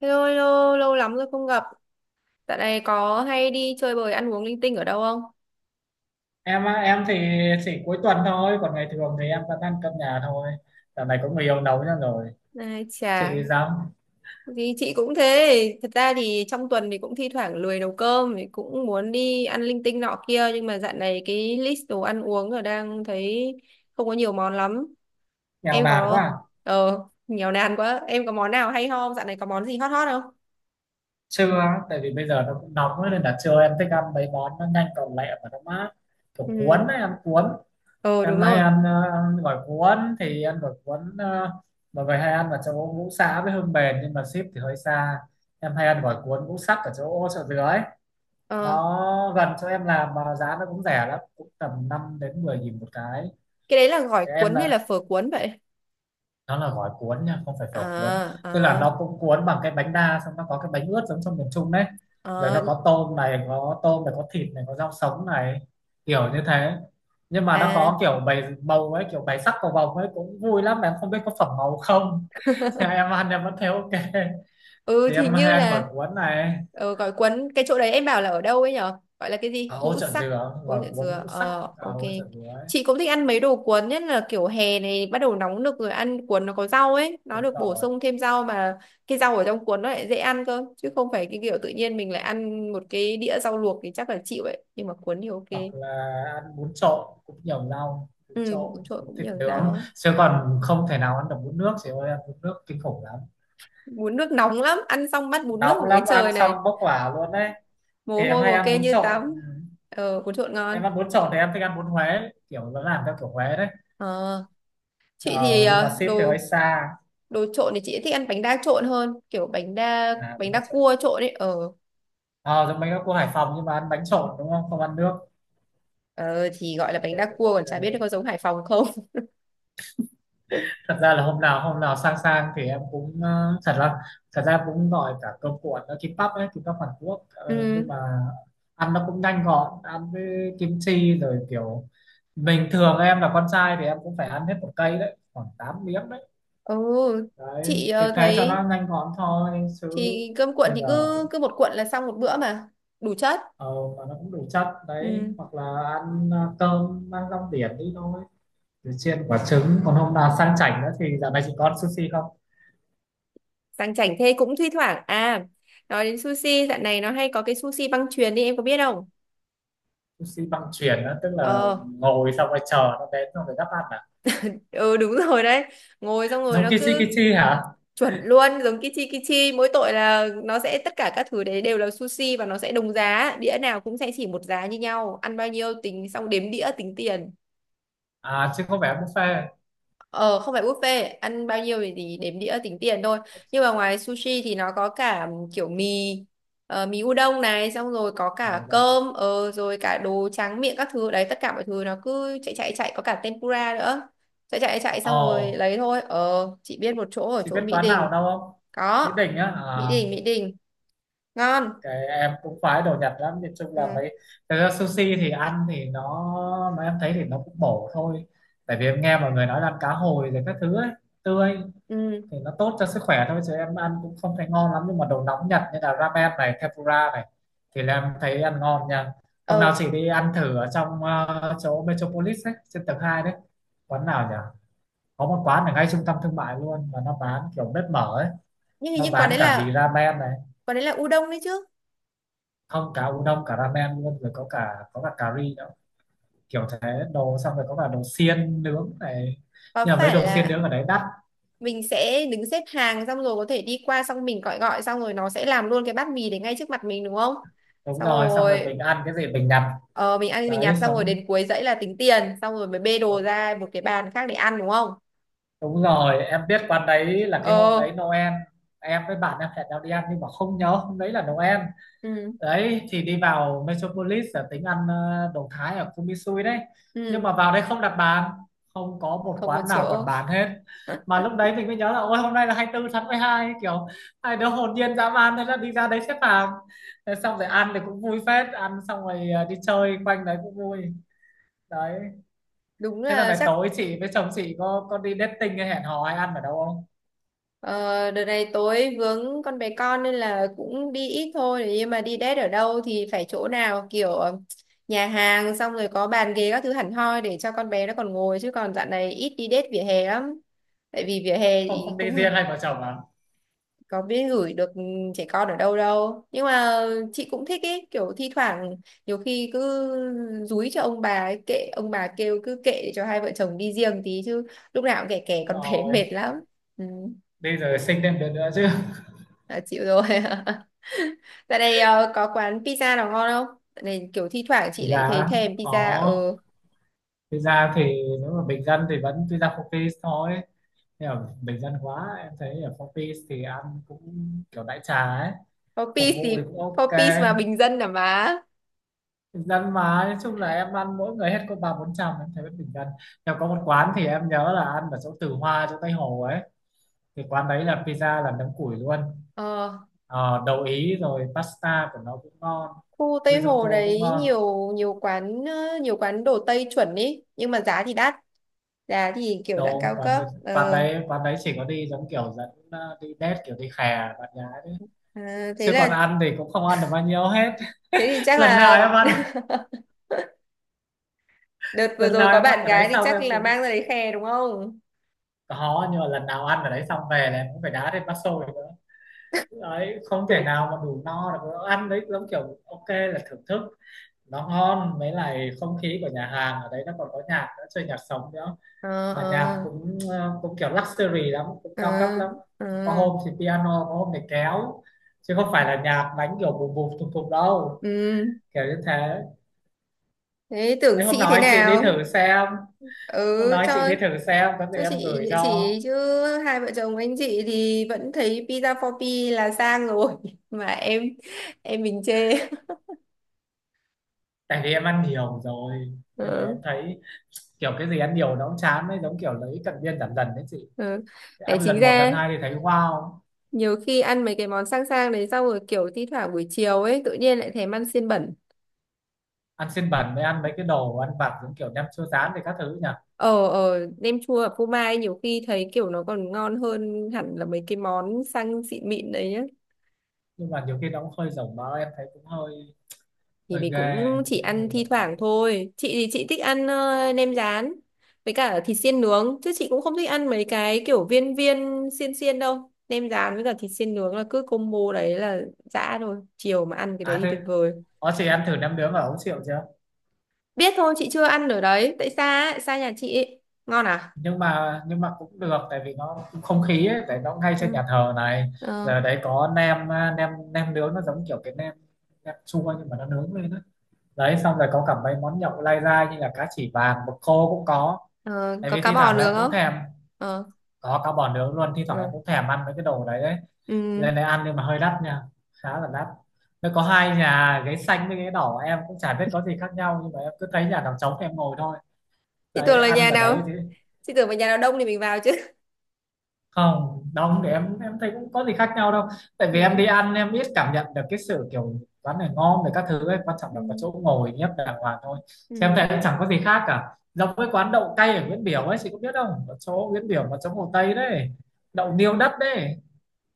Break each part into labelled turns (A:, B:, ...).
A: Hello, hello, lâu lắm rồi không gặp. Dạo này có hay đi chơi bời ăn uống linh tinh ở đâu không?
B: Em thì chỉ cuối tuần thôi, còn ngày thường thì em vẫn ăn cơm nhà thôi. Dạo này có người yêu nấu cho rồi.
A: Ai chà,
B: Chị dám
A: thì chị cũng thế. Thật ra thì trong tuần thì cũng thi thoảng lười nấu cơm, thì cũng muốn đi ăn linh tinh nọ kia. Nhưng mà dạo này cái list đồ ăn uống ở đang thấy không có nhiều món lắm.
B: nghèo
A: Em
B: nàn quá
A: có...
B: à.
A: Ờ, nghèo nàn quá. Em có món nào hay ho không? Dạo này có món gì hot hot không?
B: Trưa á, tại vì bây giờ nó cũng nóng ấy, nên là trưa em thích ăn mấy món nó nhanh gọn lẹ và nó mát, kiểu cuốn
A: Ừ,
B: ấy, ăn cuốn.
A: ờ đúng
B: Em hay
A: rồi.
B: ăn ăn gỏi cuốn, thì ăn gỏi cuốn, mọi người hay ăn ở chỗ ngũ xã với Hương Bền nhưng mà ship thì hơi xa. Em hay ăn gỏi cuốn ngũ sắc ở chỗ chợ dừa ấy,
A: Ờ,
B: nó gần chỗ em làm mà giá nó cũng rẻ lắm, cũng tầm 5 đến 10 nghìn một cái.
A: cái đấy là gỏi
B: Em
A: cuốn hay
B: là
A: là phở cuốn vậy?
B: Nó là gói cuốn nha, không phải phở cuốn.
A: À,
B: Tức là
A: à,
B: nó cũng cuốn bằng cái bánh đa, xong nó có cái bánh ướt giống trong miền Trung đấy, rồi
A: à,
B: nó có tôm này, có tôm này, có thịt này, có rau sống này, kiểu như thế. Nhưng mà nó
A: à.
B: có kiểu bày màu ấy, kiểu bày sắc cầu vồng ấy, cũng vui lắm, mà em không biết có phẩm màu không. Thế em ăn em vẫn thấy ok.
A: Ừ
B: Thì
A: thì
B: em hay
A: như
B: ăn gỏi
A: là
B: cuốn này
A: gói quấn cái chỗ đấy em bảo là ở đâu ấy nhở, gọi là cái gì
B: ở ô
A: ngũ
B: chợ
A: sắc.
B: dừa,
A: Ôi
B: gỏi
A: chuyện
B: cuốn
A: dừa,
B: ngũ sắc
A: ờ
B: ở
A: ok.
B: ô chợ dừa ấy.
A: Chị cũng thích ăn mấy đồ cuốn, nhất là kiểu hè này bắt đầu nóng nực rồi, ăn cuốn nó có rau ấy, nó
B: Đúng
A: được bổ
B: rồi.
A: sung thêm rau mà. Cái rau ở trong cuốn nó lại dễ ăn cơ, chứ không phải cái kiểu tự nhiên mình lại ăn một cái đĩa rau luộc thì chắc là chịu ấy, nhưng mà cuốn thì ok.
B: Hoặc là ăn bún trộn cũng nhiều rau, bún
A: Ừ,
B: trộn,
A: bún trộn
B: bún
A: cũng
B: thịt
A: nhiều
B: nướng,
A: rau.
B: chứ còn không thể nào ăn được bún nước chị ơi, ăn bún nước kinh khủng lắm.
A: Bún nước nóng lắm, ăn xong bắt bún nước
B: Nóng
A: ở dưới
B: lắm, ăn
A: trời này
B: xong bốc hỏa luôn đấy.
A: mồ
B: Thì em
A: hôi
B: hay
A: mồ
B: ăn
A: kê
B: bún
A: như
B: trộn,
A: tắm.
B: ừ.
A: Ờ, bún trộn
B: Em
A: ngon.
B: ăn bún trộn thì em thích ăn bún Huế, kiểu nó làm theo kiểu Huế đấy.
A: ờ chị thì
B: Ờ, nhưng mà
A: ờ,
B: ship thì hơi
A: đồ
B: xa.
A: đồ trộn thì chị thích ăn bánh đa trộn hơn, kiểu bánh đa,
B: À bún
A: bánh đa
B: trộn,
A: cua trộn ấy. Ờ,
B: ờ giống mấy các cô Hải Phòng, nhưng mà ăn bánh trộn đúng không, không ăn nước.
A: ờ thì gọi là bánh
B: Thế
A: đa
B: cũng
A: cua, còn
B: ok.
A: chả biết nó có giống Hải Phòng không.
B: Thật ra là hôm nào sang sang thì em cũng thật ra cũng gọi cả cơm cuộn, nó kimbap ấy, kimbap Hàn Quốc. Ờ,
A: Ừ.
B: nhưng mà ăn nó cũng nhanh gọn, ăn với kim chi rồi, kiểu bình thường em là con trai thì em cũng phải ăn hết một cây đấy, khoảng 8 miếng đấy.
A: ừ chị
B: Đấy, thì
A: ờ,
B: thế cho
A: thấy
B: nó nhanh gọn thôi chứ.
A: thì cơm cuộn
B: Bây
A: thì
B: giờ
A: cứ
B: cũng,
A: cứ một cuộn là xong một bữa mà đủ chất.
B: ờ, mà nó cũng đủ chất đấy.
A: Ừ,
B: Hoặc là ăn cơm ăn rong biển đi thôi, rồi chiên quả trứng. Còn hôm nào sang chảnh nữa thì, dạo này chị có ăn sushi không?
A: sang chảnh thế cũng thi thoảng à. Nói đến sushi, dạo này nó hay có cái sushi băng chuyền đi, em có biết không?
B: Sushi băng chuyền á, tức là
A: Ờ,
B: ngồi xong rồi chờ nó đến xong rồi đắp ăn à?
A: ừ đúng rồi đấy. Ngồi xong rồi
B: Giống
A: nó
B: Kichi
A: cứ...
B: Kichi hả?
A: Chuẩn luôn, giống Kichi Kichi, mỗi tội là nó sẽ tất cả các thứ đấy đều là sushi, và nó sẽ đồng giá, đĩa nào cũng sẽ chỉ một giá như nhau, ăn bao nhiêu tính xong đếm đĩa tính tiền.
B: À chứ không phải buffet.
A: Ờ, không phải buffet, ăn bao nhiêu thì đếm đĩa tính tiền thôi. Nhưng mà ngoài sushi thì nó có cả kiểu mì, mì udon này, xong rồi có
B: À
A: cả
B: vâng.
A: cơm, rồi cả đồ tráng miệng các thứ đấy, tất cả mọi thứ nó cứ chạy chạy chạy, có cả tempura nữa. Chạy chạy chạy
B: Ồ,
A: xong rồi lấy thôi. Ờ, chị biết một chỗ ở
B: chị
A: chỗ
B: biết
A: Mỹ
B: quán nào
A: Đình.
B: đâu không?
A: Có,
B: Mỹ Đình á,
A: Mỹ
B: à,
A: Đình, Mỹ Đình. Ngon.
B: cái em cũng khoái đồ Nhật lắm, nhìn chung là
A: Ừ,
B: mấy, thực ra sushi thì ăn thì nó, mà em thấy thì nó cũng bổ thôi, tại vì em nghe mọi người nói là ăn cá hồi rồi các thứ ấy, tươi,
A: ừ,
B: thì nó tốt cho sức khỏe thôi, chứ em ăn cũng không thấy ngon lắm. Nhưng mà đồ nóng Nhật như là ramen này, tempura này, thì là em thấy ăn ngon nha. Hôm nào
A: ờ.
B: chị đi ăn thử ở trong chỗ Metropolis ấy, trên tầng 2 đấy, quán nào nhỉ, có một quán ở ngay trung tâm thương mại luôn mà nó bán kiểu bếp mở ấy,
A: Nhưng hình
B: nó
A: như quán
B: bán
A: đấy
B: cả mì
A: là,
B: ramen này,
A: quán đấy là u đông đấy chứ.
B: không, cả udon cả ramen luôn, rồi có cả, có cả cà ri nữa, kiểu thế, đồ, xong rồi có cả đồ xiên nướng này.
A: Có
B: Nhưng mà mấy
A: phải
B: đồ xiên
A: là
B: nướng ở đấy đắt.
A: mình sẽ đứng xếp hàng xong rồi có thể đi qua, xong mình gọi, gọi xong rồi nó sẽ làm luôn cái bát mì đấy ngay trước mặt mình đúng không?
B: Đúng
A: Xong
B: rồi, xong rồi mình
A: rồi
B: ăn cái gì mình nhặt.
A: ờ, mình ăn mình
B: Đấy
A: nhặt xong rồi
B: xong.
A: đến cuối dãy là tính tiền, xong rồi mới bê đồ ra một cái bàn khác để ăn đúng không?
B: Đúng rồi, em biết quán đấy là cái hôm
A: Ờ.
B: đấy Noel. Em với bạn em hẹn nhau đi ăn nhưng mà không nhớ hôm đấy là Noel.
A: Ừ,
B: Đấy thì đi vào Metropolis là tính ăn đồ Thái ở Kumisui đấy. Nhưng
A: ừ.
B: mà vào đây không đặt bàn, không có một
A: Không có
B: quán nào còn
A: chỗ.
B: bán hết. Mà lúc đấy mình mới nhớ là, ôi hôm nay là 24 tháng 12. Kiểu hai đứa hồn nhiên dã man, thế là đi ra đấy xếp hàng. Thế xong rồi ăn thì cũng vui phết. Ăn xong rồi đi chơi quanh đấy cũng vui. Đấy,
A: Đúng
B: thế là
A: là
B: này
A: chắc...
B: tối chị với chồng chị có đi dating hay hẹn hò hay ăn ở đâu không?
A: Ờ, đợt này tối vướng con bé con nên là cũng đi ít thôi, nhưng mà đi date ở đâu thì phải chỗ nào kiểu nhà hàng xong rồi có bàn ghế các thứ hẳn hoi để cho con bé nó còn ngồi, chứ còn dạo này ít đi date vỉa hè lắm. Tại vì vỉa hè
B: Không
A: thì
B: không đi
A: cũng
B: riêng hay vợ chồng à?
A: có biết gửi được trẻ con ở đâu đâu, nhưng mà chị cũng thích ý, kiểu thi thoảng nhiều khi cứ dúi cho ông bà ấy, kệ ông bà kêu cứ kệ, để cho hai vợ chồng đi riêng tí chứ. Lúc nào cũng kẻ
B: Đúng
A: kẻ con bé
B: rồi,
A: mệt lắm. Ừ.
B: đi rồi sinh thêm đứa nữa chứ.
A: À, chịu rồi. Tại đây có quán pizza nào ngon không? Tại này kiểu thi thoảng chị
B: Thực
A: lại thấy
B: ra
A: thèm pizza
B: có,
A: ở
B: thực ra thì nếu mà bình dân thì vẫn tuy ra phong phí thôi, nhưng mà bình dân quá em thấy ở phong phí thì ăn cũng kiểu đại trà ấy,
A: Four
B: phục vụ
A: thì
B: thì cũng ok.
A: Four mà bình dân à má.
B: Bình dân mà, nói chung là em ăn mỗi người hết có 3, 4 trăm, em thấy vẫn bình dân. Nhưng có một quán thì em nhớ là ăn ở chỗ Từ Hoa, chỗ Tây Hồ ấy, thì quán đấy là pizza là nấm củi luôn.
A: Ờ,
B: Ờ, đậu Ý rồi pasta của nó cũng ngon,
A: khu Tây
B: risotto
A: Hồ
B: cũng
A: đấy
B: ngon.
A: nhiều, nhiều quán đồ Tây chuẩn ý, nhưng mà giá thì đắt. Giá thì kiểu dạng
B: Đồ,
A: cao
B: quán
A: cấp.
B: đấy quán
A: Ờ,
B: đấy quán đấy chỉ có đi giống kiểu dẫn đi date, kiểu đi khè bạn gái đấy,
A: à, thế
B: chứ còn
A: là...
B: ăn thì cũng không ăn được bao nhiêu hết.
A: Thế thì chắc
B: lần nào
A: là...
B: em ăn
A: Đợt vừa
B: lần
A: rồi
B: nào
A: có
B: em ăn
A: bạn
B: ở đấy
A: gái thì
B: xong
A: chắc
B: em
A: là
B: cũng
A: mang ra đấy khè đúng không?
B: có, nhưng mà lần nào ăn ở đấy xong về là em cũng phải đá thêm bát xôi nữa. Đấy, không thể nào mà đủ no được, ăn đấy giống kiểu ok là thưởng thức. Nó ngon, mấy lại không khí của nhà hàng ở đấy nó còn có nhạc nữa, chơi nhạc sống nữa,
A: Ờ,
B: mà nhạc
A: ờ,
B: cũng cũng kiểu luxury lắm, cũng
A: ờ,
B: cao cấp lắm.
A: ờ.
B: Có hôm thì piano, có hôm thì kéo, chứ không phải là nhạc đánh kiểu bùm bùm thùng thùng đâu,
A: Ừ.
B: kiểu như thế.
A: Thế tưởng
B: Đấy, hôm
A: sĩ
B: nào
A: thế
B: anh chị đi
A: nào?
B: thử xem,
A: Ừ,
B: hôm nào anh chị
A: cho
B: đi thử xem có gì
A: cho
B: em
A: chị
B: gửi
A: địa
B: cho.
A: chỉ chứ. Hai vợ chồng anh chị thì vẫn thấy pizza for pi là sang rồi mà em mình chê.
B: Tại vì em ăn nhiều rồi nên là em
A: Ừ,
B: thấy kiểu cái gì ăn nhiều nó cũng chán ấy, giống kiểu lấy cận biên giảm dần đấy chị.
A: ừ. Đấy,
B: Ăn
A: chính
B: lần một lần
A: ra
B: hai thì thấy wow.
A: nhiều khi ăn mấy cái món sang sang đấy xong rồi kiểu thi thoảng buổi chiều ấy tự nhiên lại thèm ăn xiên bẩn.
B: Ăn xiên bẩn mới ăn mấy cái đồ ăn vặt giống kiểu nem chua rán thì các thứ nhỉ.
A: Ờ, ờ, nem chua ở phô mai nhiều khi thấy kiểu nó còn ngon hơn hẳn là mấy cái món sang xịn mịn đấy nhá.
B: Nhưng mà nhiều khi nó cũng hơi rồng mỡ, em thấy cũng hơi
A: Thì
B: hơi
A: mình
B: ghê,
A: cũng chỉ
B: thấy hơi
A: ăn thi
B: nổi mỡ.
A: thoảng thôi, chị thì chị thích ăn nem rán với cả thịt xiên nướng, chứ chị cũng không thích ăn mấy cái kiểu viên viên xiên xiên đâu. Nem rán với cả thịt xiên nướng là cứ combo đấy là dã thôi, chiều mà ăn cái đấy
B: À
A: thì tuyệt
B: thế,
A: vời.
B: có chị ăn thử nem nướng ở Ấu Triệu chưa?
A: Biết thôi, chị chưa ăn ở đấy tại xa ấy, xa nhà chị ấy. Ngon à.
B: Nhưng mà cũng được, tại vì nó cũng không khí ấy, tại nó ngay trên
A: Ừ.
B: nhà thờ này.
A: Ờ,
B: Giờ đấy có nem à, nem nem nướng, nó giống kiểu cái nem, nem chua nhưng mà nó nướng lên đó. Đấy, xong rồi có cả mấy món nhậu lai dai như là cá chỉ vàng, mực khô cũng có,
A: ờ,
B: tại
A: có
B: vì
A: cá
B: thi
A: bò
B: thoảng là em
A: nướng
B: cũng
A: không?
B: thèm,
A: Ờ.
B: có cá bò nướng luôn. Thi thoảng em
A: Ừ.
B: cũng thèm ăn mấy cái đồ đấy đấy,
A: Ừ.
B: lên đây ăn nhưng mà hơi đắt nha, khá là đắt. Nó có hai nhà, ghế xanh với ghế đỏ, em cũng chả biết có gì khác nhau nhưng mà em cứ thấy nhà nào trống thì em ngồi thôi.
A: Chị tưởng
B: Đấy,
A: là
B: ăn
A: nhà
B: ở đấy
A: nào,
B: thì
A: chị tưởng là nhà nào đông thì mình vào chứ.
B: không, đông thì em thấy cũng có gì khác nhau đâu. Tại vì em
A: Ừ.
B: đi ăn em ít cảm nhận được cái sự kiểu quán này ngon về các thứ ấy, quan trọng là có
A: Ừ.
B: chỗ ngồi nhấp đàng hoàng thôi. Chứ em
A: Ừ.
B: thấy cũng chẳng có gì khác cả. Giống với quán đậu cay ở Nguyễn Biểu ấy, chị có biết không, ở chỗ Nguyễn Biểu mà chỗ Hồ Tây đấy, đậu niêu đất đấy.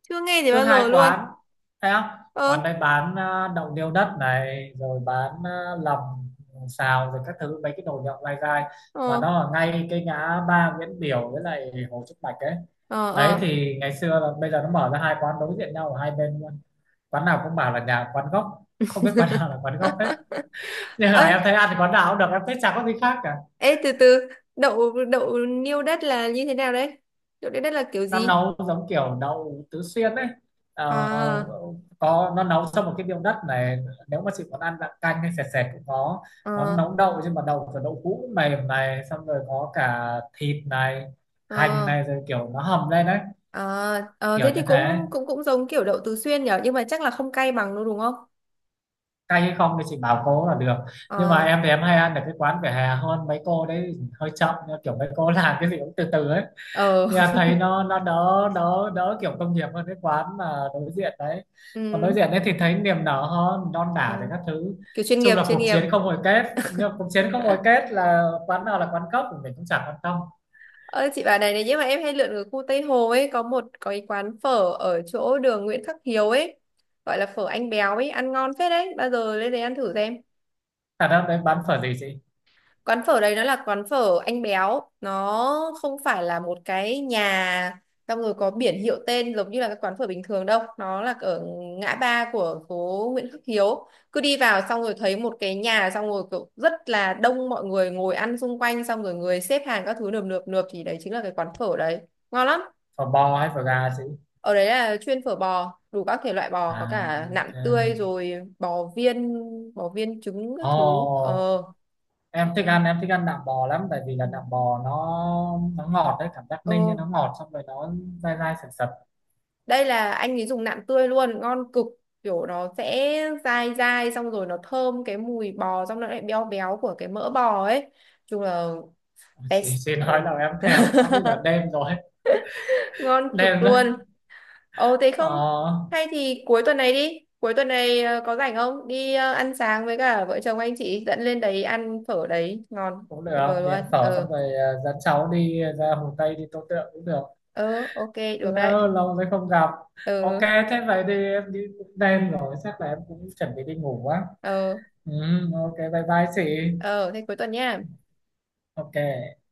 A: Chưa nghe gì
B: Cứ
A: bao
B: hai
A: giờ luôn.
B: quán, thấy không,
A: Ơ.
B: quán đây bán đậu niêu đất này, rồi bán lòng xào rồi các thứ, mấy cái đồ nhậu lai gai, mà
A: Ờ,
B: nó ở ngay cái ngã ba Nguyễn Biểu với lại Hồ Trúc Bạch ấy.
A: ờ,
B: Đấy
A: ờ.
B: thì ngày xưa là, bây giờ nó mở ra hai quán đối diện nhau ở hai bên luôn, quán nào cũng bảo là nhà quán gốc, không biết quán nào là quán gốc hết. Nhưng mà
A: Ơi,
B: em thấy ăn thì quán nào cũng được, em thấy chả có gì khác cả.
A: ê từ từ, đậu đậu niêu đất là như thế nào đấy? Đậu niêu đất là kiểu
B: Nó
A: gì?
B: nấu giống kiểu đậu tứ xuyên đấy. Ờ,
A: À.
B: có, nó nấu trong một cái miếng đất này, nếu mà chị muốn ăn dạng canh hay sệt sệt cũng có. Nó
A: Ờ.
B: nấu đậu nhưng mà đậu kiểu đậu hũ mềm này, xong rồi có cả thịt này, hành
A: Ờ.
B: này, rồi kiểu nó hầm lên đấy,
A: À, ờ
B: kiểu
A: thế thì
B: như
A: cũng
B: thế.
A: cũng cũng giống kiểu đậu Tứ Xuyên nhở, nhưng mà chắc là không cay bằng đâu đúng không?
B: Cay hay không thì chị bảo cô là được. Nhưng mà
A: Ờ,
B: em thì em hay ăn ở cái quán vỉa hè hơn, mấy cô đấy hơi chậm nhưng kiểu mấy cô làm cái gì cũng từ từ ấy,
A: ờ.
B: thì thấy nó đỡ đỡ đỡ kiểu công nghiệp hơn cái quán mà đối diện đấy. Còn đối
A: Ừ,
B: diện đấy thì thấy niềm nở hơn, non
A: ờ,
B: đả thì các thứ,
A: kiểu chuyên
B: chung
A: nghiệp,
B: là
A: chuyên
B: cuộc
A: nghiệp.
B: chiến không hồi kết, nhưng mà cuộc chiến không hồi kết là quán nào là quán cốc thì mình cũng chẳng quan tâm.
A: Ơ chị bảo này này, nhưng mà em hay lượn ở khu Tây Hồ ấy, có cái quán phở ở chỗ đường Nguyễn Khắc Hiếu ấy, gọi là phở anh béo ấy, ăn ngon phết đấy, bao giờ lên đấy ăn thử xem.
B: Thật ra đấy bán phở gì chị?
A: Quán phở đấy nó là quán phở anh béo, nó không phải là một cái nhà xong rồi có biển hiệu tên giống như là các quán phở bình thường đâu. Nó là ở ngã ba của phố Nguyễn Khắc Hiếu, cứ đi vào xong rồi thấy một cái nhà, xong rồi kiểu rất là đông mọi người ngồi ăn xung quanh, xong rồi người xếp hàng các thứ nườm nượp nượp, thì đấy chính là cái quán phở đấy. Ngon lắm.
B: Phở bò hay phở gà chị?
A: Ở đấy là chuyên phở bò, đủ các thể loại bò, có
B: À
A: cả nạm
B: ok.
A: tươi rồi bò viên, bò viên trứng các thứ.
B: Ồ,
A: Ờ.
B: em thích
A: Ừ.
B: ăn, em thích ăn nạm bò lắm, tại vì là
A: Ừ.
B: nạm bò nó ngọt đấy, cảm giác ninh
A: Ờ.
B: nên nó ngọt, xong rồi nó dai dai sật sật.
A: Đây là anh ấy dùng nạm tươi luôn ngon cực, kiểu nó sẽ dai dai, xong rồi nó thơm cái mùi bò, xong nó lại béo béo của cái mỡ bò ấy. Chung là
B: chị,
A: best.
B: chị
A: Ừ.
B: nói là em thèm quá, bây giờ đêm rồi,
A: Ngon cực
B: đêm rồi.
A: luôn. Ồ thế
B: Ờ,
A: không, hay thì cuối tuần này đi, cuối tuần này có rảnh không, đi ăn sáng với cả vợ chồng anh chị dẫn lên đấy ăn phở đấy ngon.
B: cũng
A: Tuyệt
B: được,
A: vời
B: đi
A: luôn.
B: ăn phở xong
A: Ờ,
B: rồi dẫn cháu đi ra Hồ Tây đi Tô Tượng cũng được.
A: ờ ok, được đấy.
B: Lâu, lâu rồi không gặp. Ok.
A: Ờ,
B: Thế vậy thì em đi, cũng đêm rồi chắc là em cũng chuẩn bị đi ngủ quá.
A: ờ.
B: Ừ, ok, bye bye chị.
A: Ờ thế cuối tuần nha.
B: Ok.